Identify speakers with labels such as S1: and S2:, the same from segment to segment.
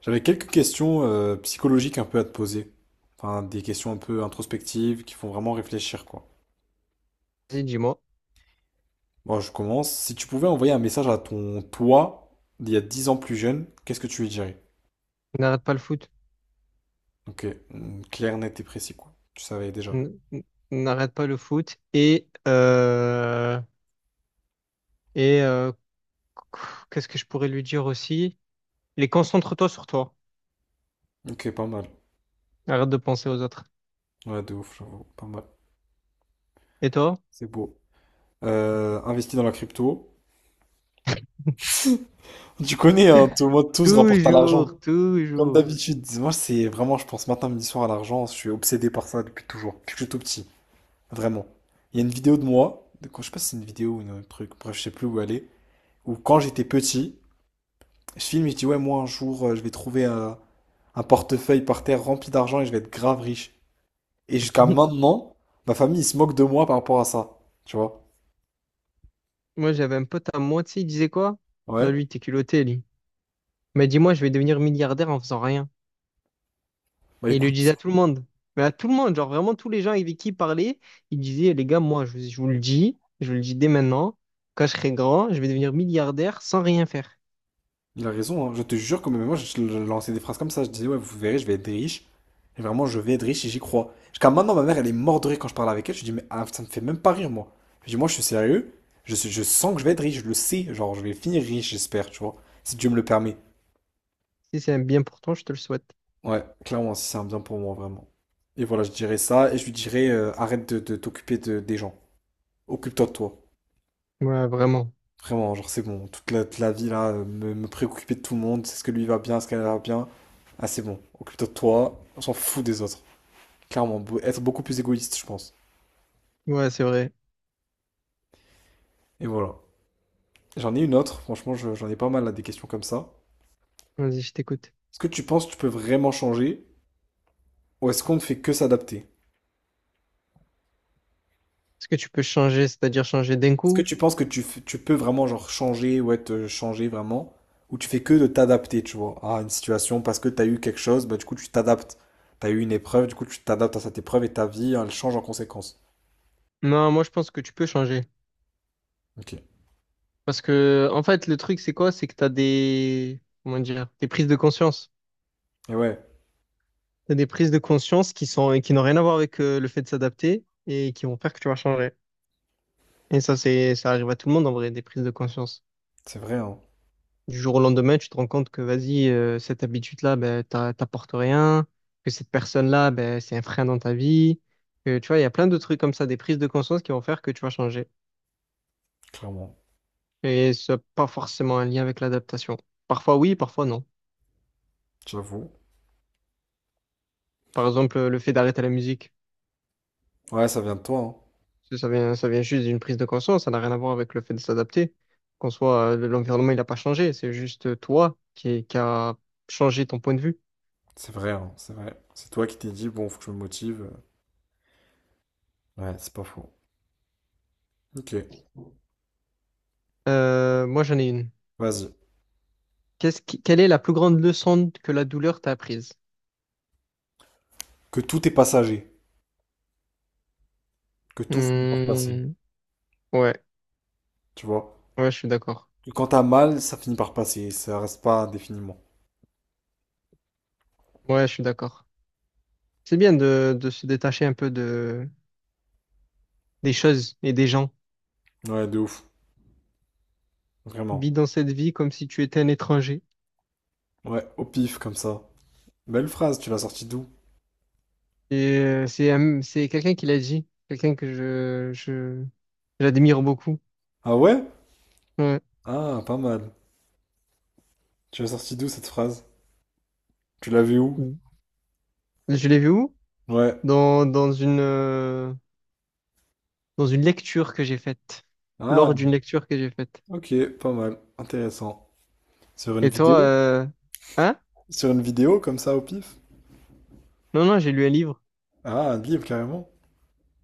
S1: J'avais quelques questions psychologiques un peu à te poser. Enfin, des questions un peu introspectives qui font vraiment réfléchir, quoi.
S2: Vas-y, dis-moi,
S1: Bon, je commence. Si tu pouvais envoyer un message à ton toi d'il y a 10 ans plus jeune, qu'est-ce que tu lui dirais?
S2: n'arrête pas le foot.
S1: Ok, mm, clair, net et précis, quoi. Tu savais déjà.
S2: N- n- N'arrête pas le foot. Et qu'est-ce que je pourrais lui dire aussi? Les concentre-toi sur toi,
S1: Ok, pas mal.
S2: arrête de penser aux autres.
S1: Ouais, de ouf, j'avoue. Pas mal.
S2: Et toi?
S1: C'est beau. Investi dans la crypto. Tu connais, hein, tout le monde, tout se rapporte à l'argent.
S2: Toujours,
S1: Comme
S2: toujours.
S1: d'habitude. Moi, c'est vraiment, je pense matin, midi, soir à l'argent. Je suis obsédé par ça depuis toujours, depuis que je suis tout petit. Vraiment. Il y a une vidéo de moi, de quand, je sais pas si c'est une vidéo ou un truc, bref, je sais plus où elle est, où quand j'étais petit, je filme et je dis, ouais, moi un jour, je vais trouver un portefeuille par terre rempli d'argent et je vais être grave riche. Et jusqu'à maintenant, ma famille, ils se moquent de moi par rapport à ça. Tu vois?
S2: Moi, j'avais un pote à moitié, il disait quoi? Non,
S1: Ouais.
S2: lui, t'es culotté, lui. Mais dis-moi, je vais devenir milliardaire en faisant rien.
S1: Bah
S2: Et il le disait
S1: écoute.
S2: à tout le monde. Mais à tout le monde, genre vraiment tous les gens avec qui il parlait, il disait, les gars, moi, je vous le dis, je vous le dis dès maintenant, quand je serai grand, je vais devenir milliardaire sans rien faire.
S1: Il a raison, hein. Je te jure que même moi, je lançais des phrases comme ça. Je disais, ouais, vous verrez, je vais être riche. Et vraiment, je vais être riche et j'y crois. Jusqu'à maintenant, ma mère, elle est morte de rire quand je parle avec elle. Je dis, mais ah, ça me fait même pas rire, moi. Je dis, moi, je suis sérieux. Je sens que je vais être riche, je le sais. Genre, je vais finir riche, j'espère, tu vois. Si Dieu me le permet.
S2: Si c'est un bien pour toi, je te le souhaite.
S1: Ouais, clairement, si c'est un bien pour moi, vraiment. Et voilà, je dirais ça. Et je lui dirais, arrête de des gens. Occupe-toi de toi.
S2: Ouais, vraiment.
S1: Vraiment, genre c'est bon, toute la vie là, me préoccuper de tout le monde, c'est ce que lui va bien, ce qu'elle va bien. Ah c'est bon, occupe-toi de toi, on s'en fout des autres. Clairement, être beaucoup plus égoïste, je pense.
S2: Ouais, c'est vrai.
S1: Et voilà. J'en ai une autre, franchement, j'en ai pas mal là, des questions comme ça.
S2: Vas-y, je t'écoute.
S1: Est-ce que tu penses que tu peux vraiment changer, ou est-ce qu'on ne fait que s'adapter?
S2: Est-ce que tu peux changer, c'est-à-dire changer d'un
S1: Est-ce que
S2: coup?
S1: tu penses que tu, tu peux vraiment genre changer, ou être changé vraiment, ou tu fais que de t'adapter, tu vois, à une situation parce que t'as eu quelque chose, bah du coup tu t'adaptes. T'as eu une épreuve, du coup tu t'adaptes à cette épreuve et ta vie, hein, elle change en conséquence.
S2: Non, moi, je pense que tu peux changer.
S1: Ok.
S2: Parce que, en fait, le truc, c'est quoi? C'est que t'as des, comment dire, des prises de conscience.
S1: Et ouais,
S2: T'as des prises de conscience qui sont, qui n'ont rien à voir avec le fait de s'adapter et qui vont faire que tu vas changer. Et ça, c'est, ça arrive à tout le monde en vrai, des prises de conscience.
S1: c'est vrai, hein,
S2: Du jour au lendemain, tu te rends compte que vas-y, cette habitude-là, ben, t'apporte rien, que cette personne-là, ben, c'est un frein dans ta vie. Que, tu vois, il y a plein de trucs comme ça, des prises de conscience qui vont faire que tu vas changer.
S1: clairement.
S2: Et ça n'a pas forcément un lien avec l'adaptation. Parfois oui, parfois non.
S1: J'avoue.
S2: Par exemple, le fait d'arrêter la musique,
S1: Ouais, ça vient de toi, hein.
S2: ça vient juste d'une prise de conscience, ça n'a rien à voir avec le fait de s'adapter. Qu'en soit, l'environnement, il n'a pas changé, c'est juste toi qui a changé ton point de vue.
S1: C'est vrai, hein, c'est vrai. C'est toi qui t'es dit, bon, faut que je me motive. Ouais, c'est pas faux. Ok,
S2: Moi, j'en ai une.
S1: vas-y.
S2: Quelle est la plus grande leçon que la douleur t'a apprise?
S1: Que tout est passager. Que tout finit par
S2: Hmm,
S1: passer.
S2: ouais,
S1: Tu vois?
S2: ouais, je suis d'accord.
S1: Que quand t'as mal, ça finit par passer. Ça reste pas indéfiniment.
S2: Ouais, je suis d'accord. C'est bien de se détacher un peu de, des choses et des gens.
S1: Ouais, de ouf.
S2: Vis
S1: Vraiment.
S2: dans cette vie comme si tu étais un étranger.
S1: Ouais, au pif, comme ça. Belle phrase, tu l'as sortie d'où?
S2: C'est quelqu'un qui l'a dit, quelqu'un que j'admire beaucoup.
S1: Ah ouais?
S2: Ouais.
S1: Ah, pas mal. Tu l'as sortie d'où cette phrase? Tu l'as vue où?
S2: Je l'ai vu où?
S1: Ouais.
S2: Dans, dans une, euh, dans une lecture que j'ai faite. Lors
S1: Ah,
S2: d'une lecture que j'ai faite.
S1: ok, pas mal. Intéressant. Sur une
S2: Et
S1: vidéo?
S2: toi, hein?
S1: Sur une vidéo comme ça au pif?
S2: Non, non, j'ai lu un livre.
S1: Ah, un livre carrément.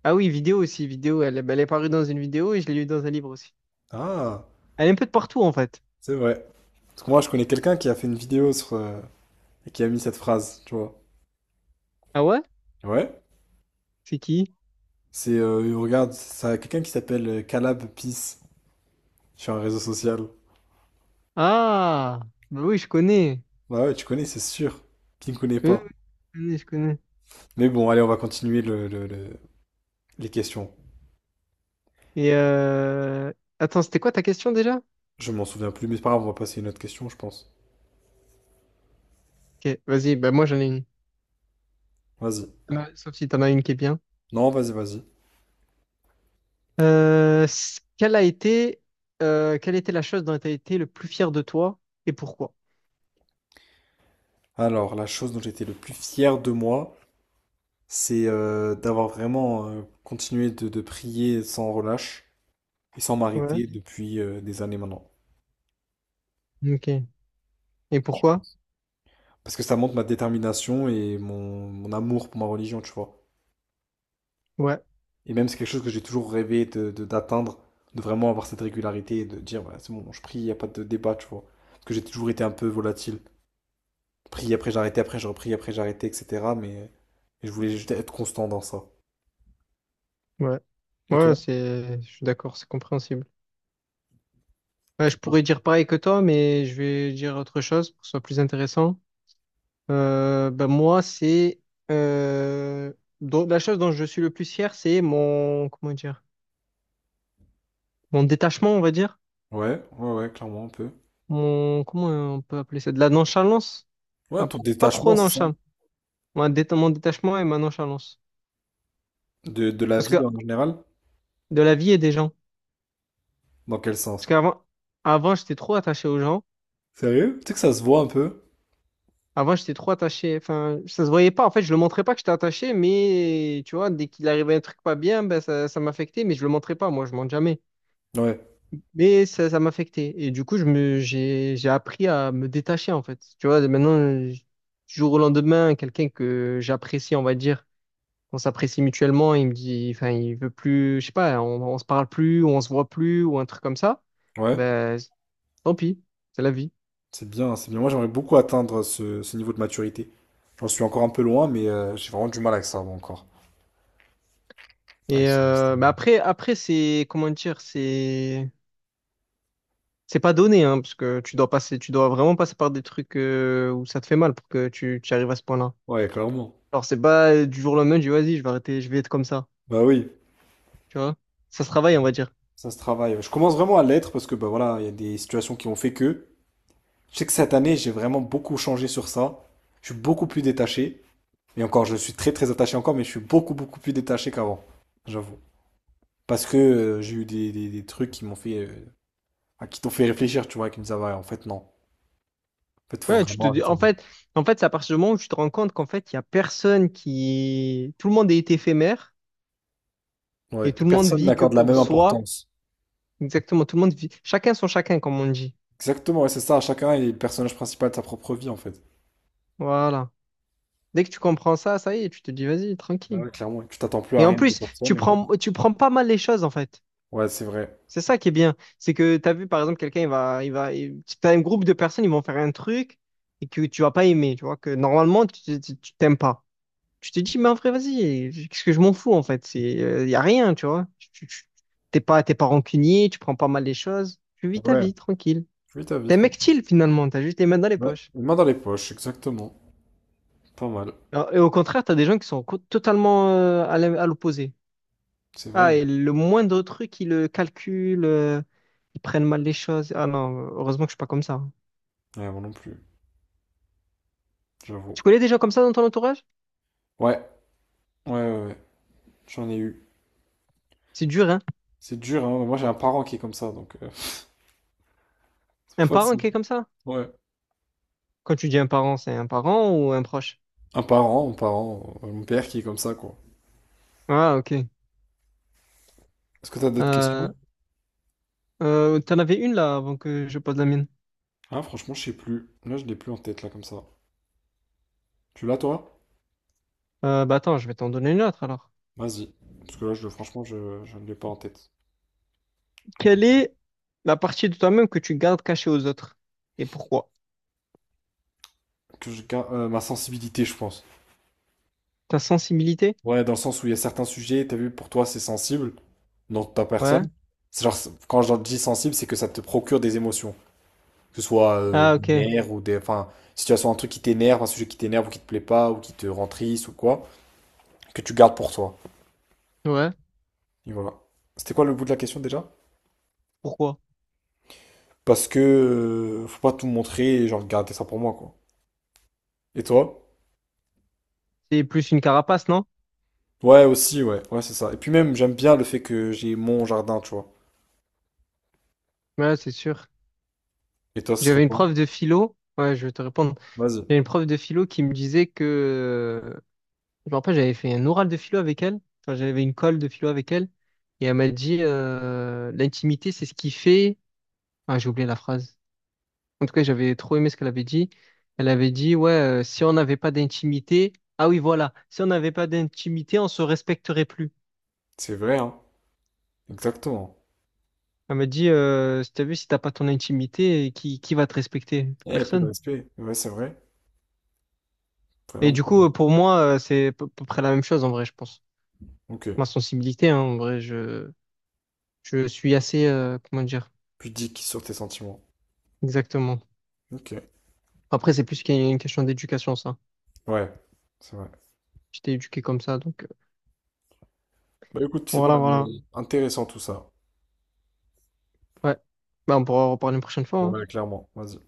S2: Ah oui, vidéo aussi, vidéo. Elle, ben, elle est parue dans une vidéo et je l'ai lue dans un livre aussi.
S1: Ah,
S2: Elle est un peu de partout en fait.
S1: c'est vrai. Parce que moi, je connais quelqu'un qui a fait une vidéo sur et qui a mis cette phrase, tu vois.
S2: Ah ouais?
S1: Ouais.
S2: C'est qui?
S1: C'est regarde, ça quelqu'un qui s'appelle Calab Peace sur un réseau social.
S2: Ah, bah oui, je connais.
S1: Bah ouais, tu connais, c'est sûr. Qui ne connaît
S2: Oui, oui,
S1: pas.
S2: je connais, je connais.
S1: Mais bon, allez, on va continuer les questions.
S2: Et euh... Attends, c'était quoi ta question déjà?
S1: Je m'en souviens plus, mais c'est pas grave, on va passer à une autre question, je pense.
S2: Ok, vas-y, bah moi j'en ai une.
S1: Vas-y.
S2: Sauf si t'en as une qui est bien.
S1: Non, vas-y, vas-y.
S2: Euh, c- quelle a été, Quelle était la chose dont tu as été le plus fier de toi et pourquoi?
S1: Alors, la chose dont j'étais le plus fier de moi. C'est d'avoir vraiment continué de prier sans relâche et sans
S2: Ouais.
S1: m'arrêter depuis des années maintenant.
S2: Ok. Et pourquoi?
S1: Parce que ça montre ma détermination et mon amour pour ma religion, tu vois.
S2: Ouais,
S1: Et même c'est quelque chose que j'ai toujours rêvé d'atteindre, de vraiment avoir cette régularité et de dire, voilà, c'est bon, je prie, il n'y a pas de débat, tu vois. Parce que j'ai toujours été un peu volatile. Prie après j'arrêtais, après je repris, après j'arrêtais, etc. Mais je voulais juste être constant dans ça.
S2: ouais.
S1: Et
S2: Ouais,
S1: toi?
S2: c'est, je suis d'accord, c'est compréhensible. Ouais, je pourrais dire pareil que toi, mais je vais dire autre chose pour que ce soit plus intéressant. Ben moi, c'est euh, dont- la chose dont je suis le plus fier, c'est mon comment dire, mon détachement, on va dire,
S1: Ouais, ouais, ouais, clairement un peu.
S2: mon comment on peut appeler ça, de la nonchalance.
S1: Ouais,
S2: Enfin,
S1: ton
S2: pas trop
S1: détachement, c'est ça?
S2: nonchalant, mon détachement et ma nonchalance,
S1: De la
S2: parce que
S1: vie en général?
S2: de la vie et des gens.
S1: Dans quel
S2: Parce
S1: sens?
S2: qu'avant, avant, j'étais trop attaché aux gens.
S1: Sérieux? Tu sais que ça se voit un peu?
S2: Avant, j'étais trop attaché. Enfin, ça se voyait pas. En fait, je le montrais pas que j'étais attaché, mais tu vois, dès qu'il arrivait un truc pas bien, ben, ça m'affectait, mais je le montrais pas. Moi, je montre jamais.
S1: Ouais,
S2: Mais ça m'affectait. Et du coup, j'ai appris à me détacher, en fait. Tu vois, maintenant, du jour au lendemain, quelqu'un que j'apprécie, on va dire, on s'apprécie mutuellement, il me dit, enfin, il veut plus, je sais pas, on se parle plus, ou on se voit plus, ou un truc comme ça.
S1: ouais,
S2: Ben, tant pis. C'est la vie.
S1: c'est bien, c'est bien. Moi, j'aimerais beaucoup atteindre ce, ce niveau de maturité. J'en suis encore un peu loin, mais j'ai vraiment du mal avec ça, moi, encore. Avec ça, c'est-
S2: Mais après, après c'est, comment dire, c'est. C'est pas donné, hein, parce que tu dois passer, tu dois vraiment passer par des trucs où ça te fait mal pour que tu arrives à ce point-là.
S1: Ouais, clairement.
S2: Alors c'est pas du jour au lendemain, je dis vas-y, je vais arrêter, je vais être comme ça,
S1: Bah oui,
S2: tu vois. Ça se travaille, on va dire.
S1: ça se travaille. Je commence vraiment à l'être parce que bah voilà, il y a des situations qui ont fait que. Je sais que cette année, j'ai vraiment beaucoup changé sur ça. Je suis beaucoup plus détaché. Et encore, je suis très très attaché encore, mais je suis beaucoup beaucoup plus détaché qu'avant, j'avoue. Parce que j'ai eu des, des trucs qui m'ont fait, ah, qui t'ont fait réfléchir, tu vois, qui me disaient, ah ouais, en fait non. En fait, faut
S2: Ouais, tu te
S1: vraiment.
S2: dis, en fait, c'est à partir du moment où tu te rends compte qu'en fait, il y a personne qui, tout le monde est éphémère
S1: Ouais.
S2: et tout le monde
S1: Personne
S2: vit que
S1: n'accorde la même
S2: pour soi.
S1: importance.
S2: Exactement, tout le monde vit. Chacun son chacun, comme on dit.
S1: Exactement, ouais, c'est ça. Chacun est le personnage principal de sa propre vie, en fait.
S2: Voilà. Dès que tu comprends ça, ça y est, tu te dis vas-y,
S1: Ah
S2: tranquille.
S1: ouais, clairement. Tu t'attends plus à
S2: Et en
S1: rien de
S2: plus,
S1: personne, et voilà.
S2: tu prends pas mal les choses en fait.
S1: Ouais, c'est vrai.
S2: C'est ça qui est bien. C'est que tu as vu, par exemple, quelqu'un, si t'as un groupe de personnes, ils vont faire un truc et que tu vas pas aimer, tu vois, que normalement, t'aimes pas. Tu te dis, mais en vrai, vas-y, qu'est-ce que je m'en fous, en fait? C'est, il y a rien, tu vois. T'es pas, t'es pas rancunier, tu prends pas mal les choses. Tu vis ta
S1: Ouais,
S2: vie, tranquille.
S1: oui, ta vie,
S2: T'es un
S1: trop.
S2: mec chill, finalement, t'as juste les mains dans les
S1: Ouais,
S2: poches.
S1: une main dans les poches, exactement. Pas mal.
S2: Alors, et au contraire, t'as des gens qui sont totalement à l'opposé.
S1: C'est vrai.
S2: Ah,
S1: Hein.
S2: et le moindre truc, ils le calculent, ils prennent mal les choses. Ah non, heureusement que je suis pas comme ça, hein.
S1: Ouais, moi non plus, j'avoue.
S2: Tu connais des gens comme ça dans ton entourage?
S1: Ouais, ouais, ouais, ouais. J'en ai eu.
S2: C'est dur, hein?
S1: C'est dur, hein. Moi, j'ai un parent qui est comme ça, donc c'est pas
S2: Un parent
S1: facile.
S2: qui est comme ça?
S1: Ouais.
S2: Quand tu dis un parent, c'est un parent ou un proche?
S1: Un parent, mon père qui est comme ça, quoi.
S2: Ah, ok.
S1: Est-ce que t'as d'autres
S2: Euh,
S1: questions?
S2: T'en avais une là avant que je pose la mienne.
S1: Ah, franchement, je sais plus. Là, je l'ai plus en tête, là, comme ça. Tu l'as, toi?
S2: Bah attends, je vais t'en donner une autre alors.
S1: Vas-y. Parce que là, je, franchement, je ne l'ai pas en tête. Donc,
S2: Quelle est la partie de toi-même que tu gardes cachée aux autres? Et pourquoi?
S1: que je garde ma sensibilité, je pense.
S2: Ta sensibilité?
S1: Ouais, dans le sens où il y a certains sujets, t'as vu, pour toi, c'est sensible, dans ta
S2: Ouais.
S1: personne. C'est genre, c'est- quand je dis sensible, c'est que ça te procure des émotions. Que ce soit
S2: Ah,
S1: des
S2: ok.
S1: nerfs ou des. Enfin, situation, un truc qui t'énerve, un sujet qui t'énerve ou qui te plaît pas ou qui te rend triste ou quoi, que tu gardes pour toi.
S2: Ouais.
S1: Et voilà. C'était quoi le bout de la question déjà?
S2: Pourquoi?
S1: Parce que faut pas tout montrer et genre garder ça pour moi, quoi. Et toi?
S2: C'est plus une carapace, non?
S1: Ouais, aussi, ouais. Ouais, c'est ça. Et puis même, j'aime bien le fait que j'ai mon jardin, tu vois.
S2: Ouais, c'est sûr.
S1: Et toi, ce serait
S2: J'avais une
S1: quoi?
S2: prof de philo. Ouais, je vais te répondre.
S1: Vas-y.
S2: J'avais une prof de philo qui me disait que je me rappelle, j'avais fait un oral de philo avec elle. Enfin, j'avais une colle de philo avec elle. Et elle m'a dit, l'intimité, c'est ce qui fait. Ah, j'ai oublié la phrase. En tout cas, j'avais trop aimé ce qu'elle avait dit. Elle avait dit, ouais, si on n'avait pas d'intimité. Ah oui, voilà. Si on n'avait pas d'intimité, on se respecterait plus.
S1: C'est vrai, hein. Exactement.
S2: Elle m'a dit, si t'as vu, si t'as pas ton intimité, qui va te respecter?
S1: Eh, peu de
S2: Personne.
S1: respect. Ouais, c'est vrai.
S2: Et
S1: Vraiment
S2: du
S1: pas bon.
S2: coup, pour moi, c'est à peu près la même chose, en vrai, je pense.
S1: Ok.
S2: Ma sensibilité, hein, en vrai, je suis assez, comment dire,
S1: Pudique sur tes sentiments.
S2: exactement.
S1: Ok.
S2: Après, c'est plus qu'il y a une question d'éducation, ça.
S1: Ouais, c'est vrai.
S2: J'étais éduqué comme ça, donc
S1: Bah écoute, c'est pas
S2: voilà, voilà.
S1: intéressant tout ça.
S2: Ouais. Bah, on pourra en reparler une prochaine fois, hein.
S1: Ouais, clairement. Vas-y.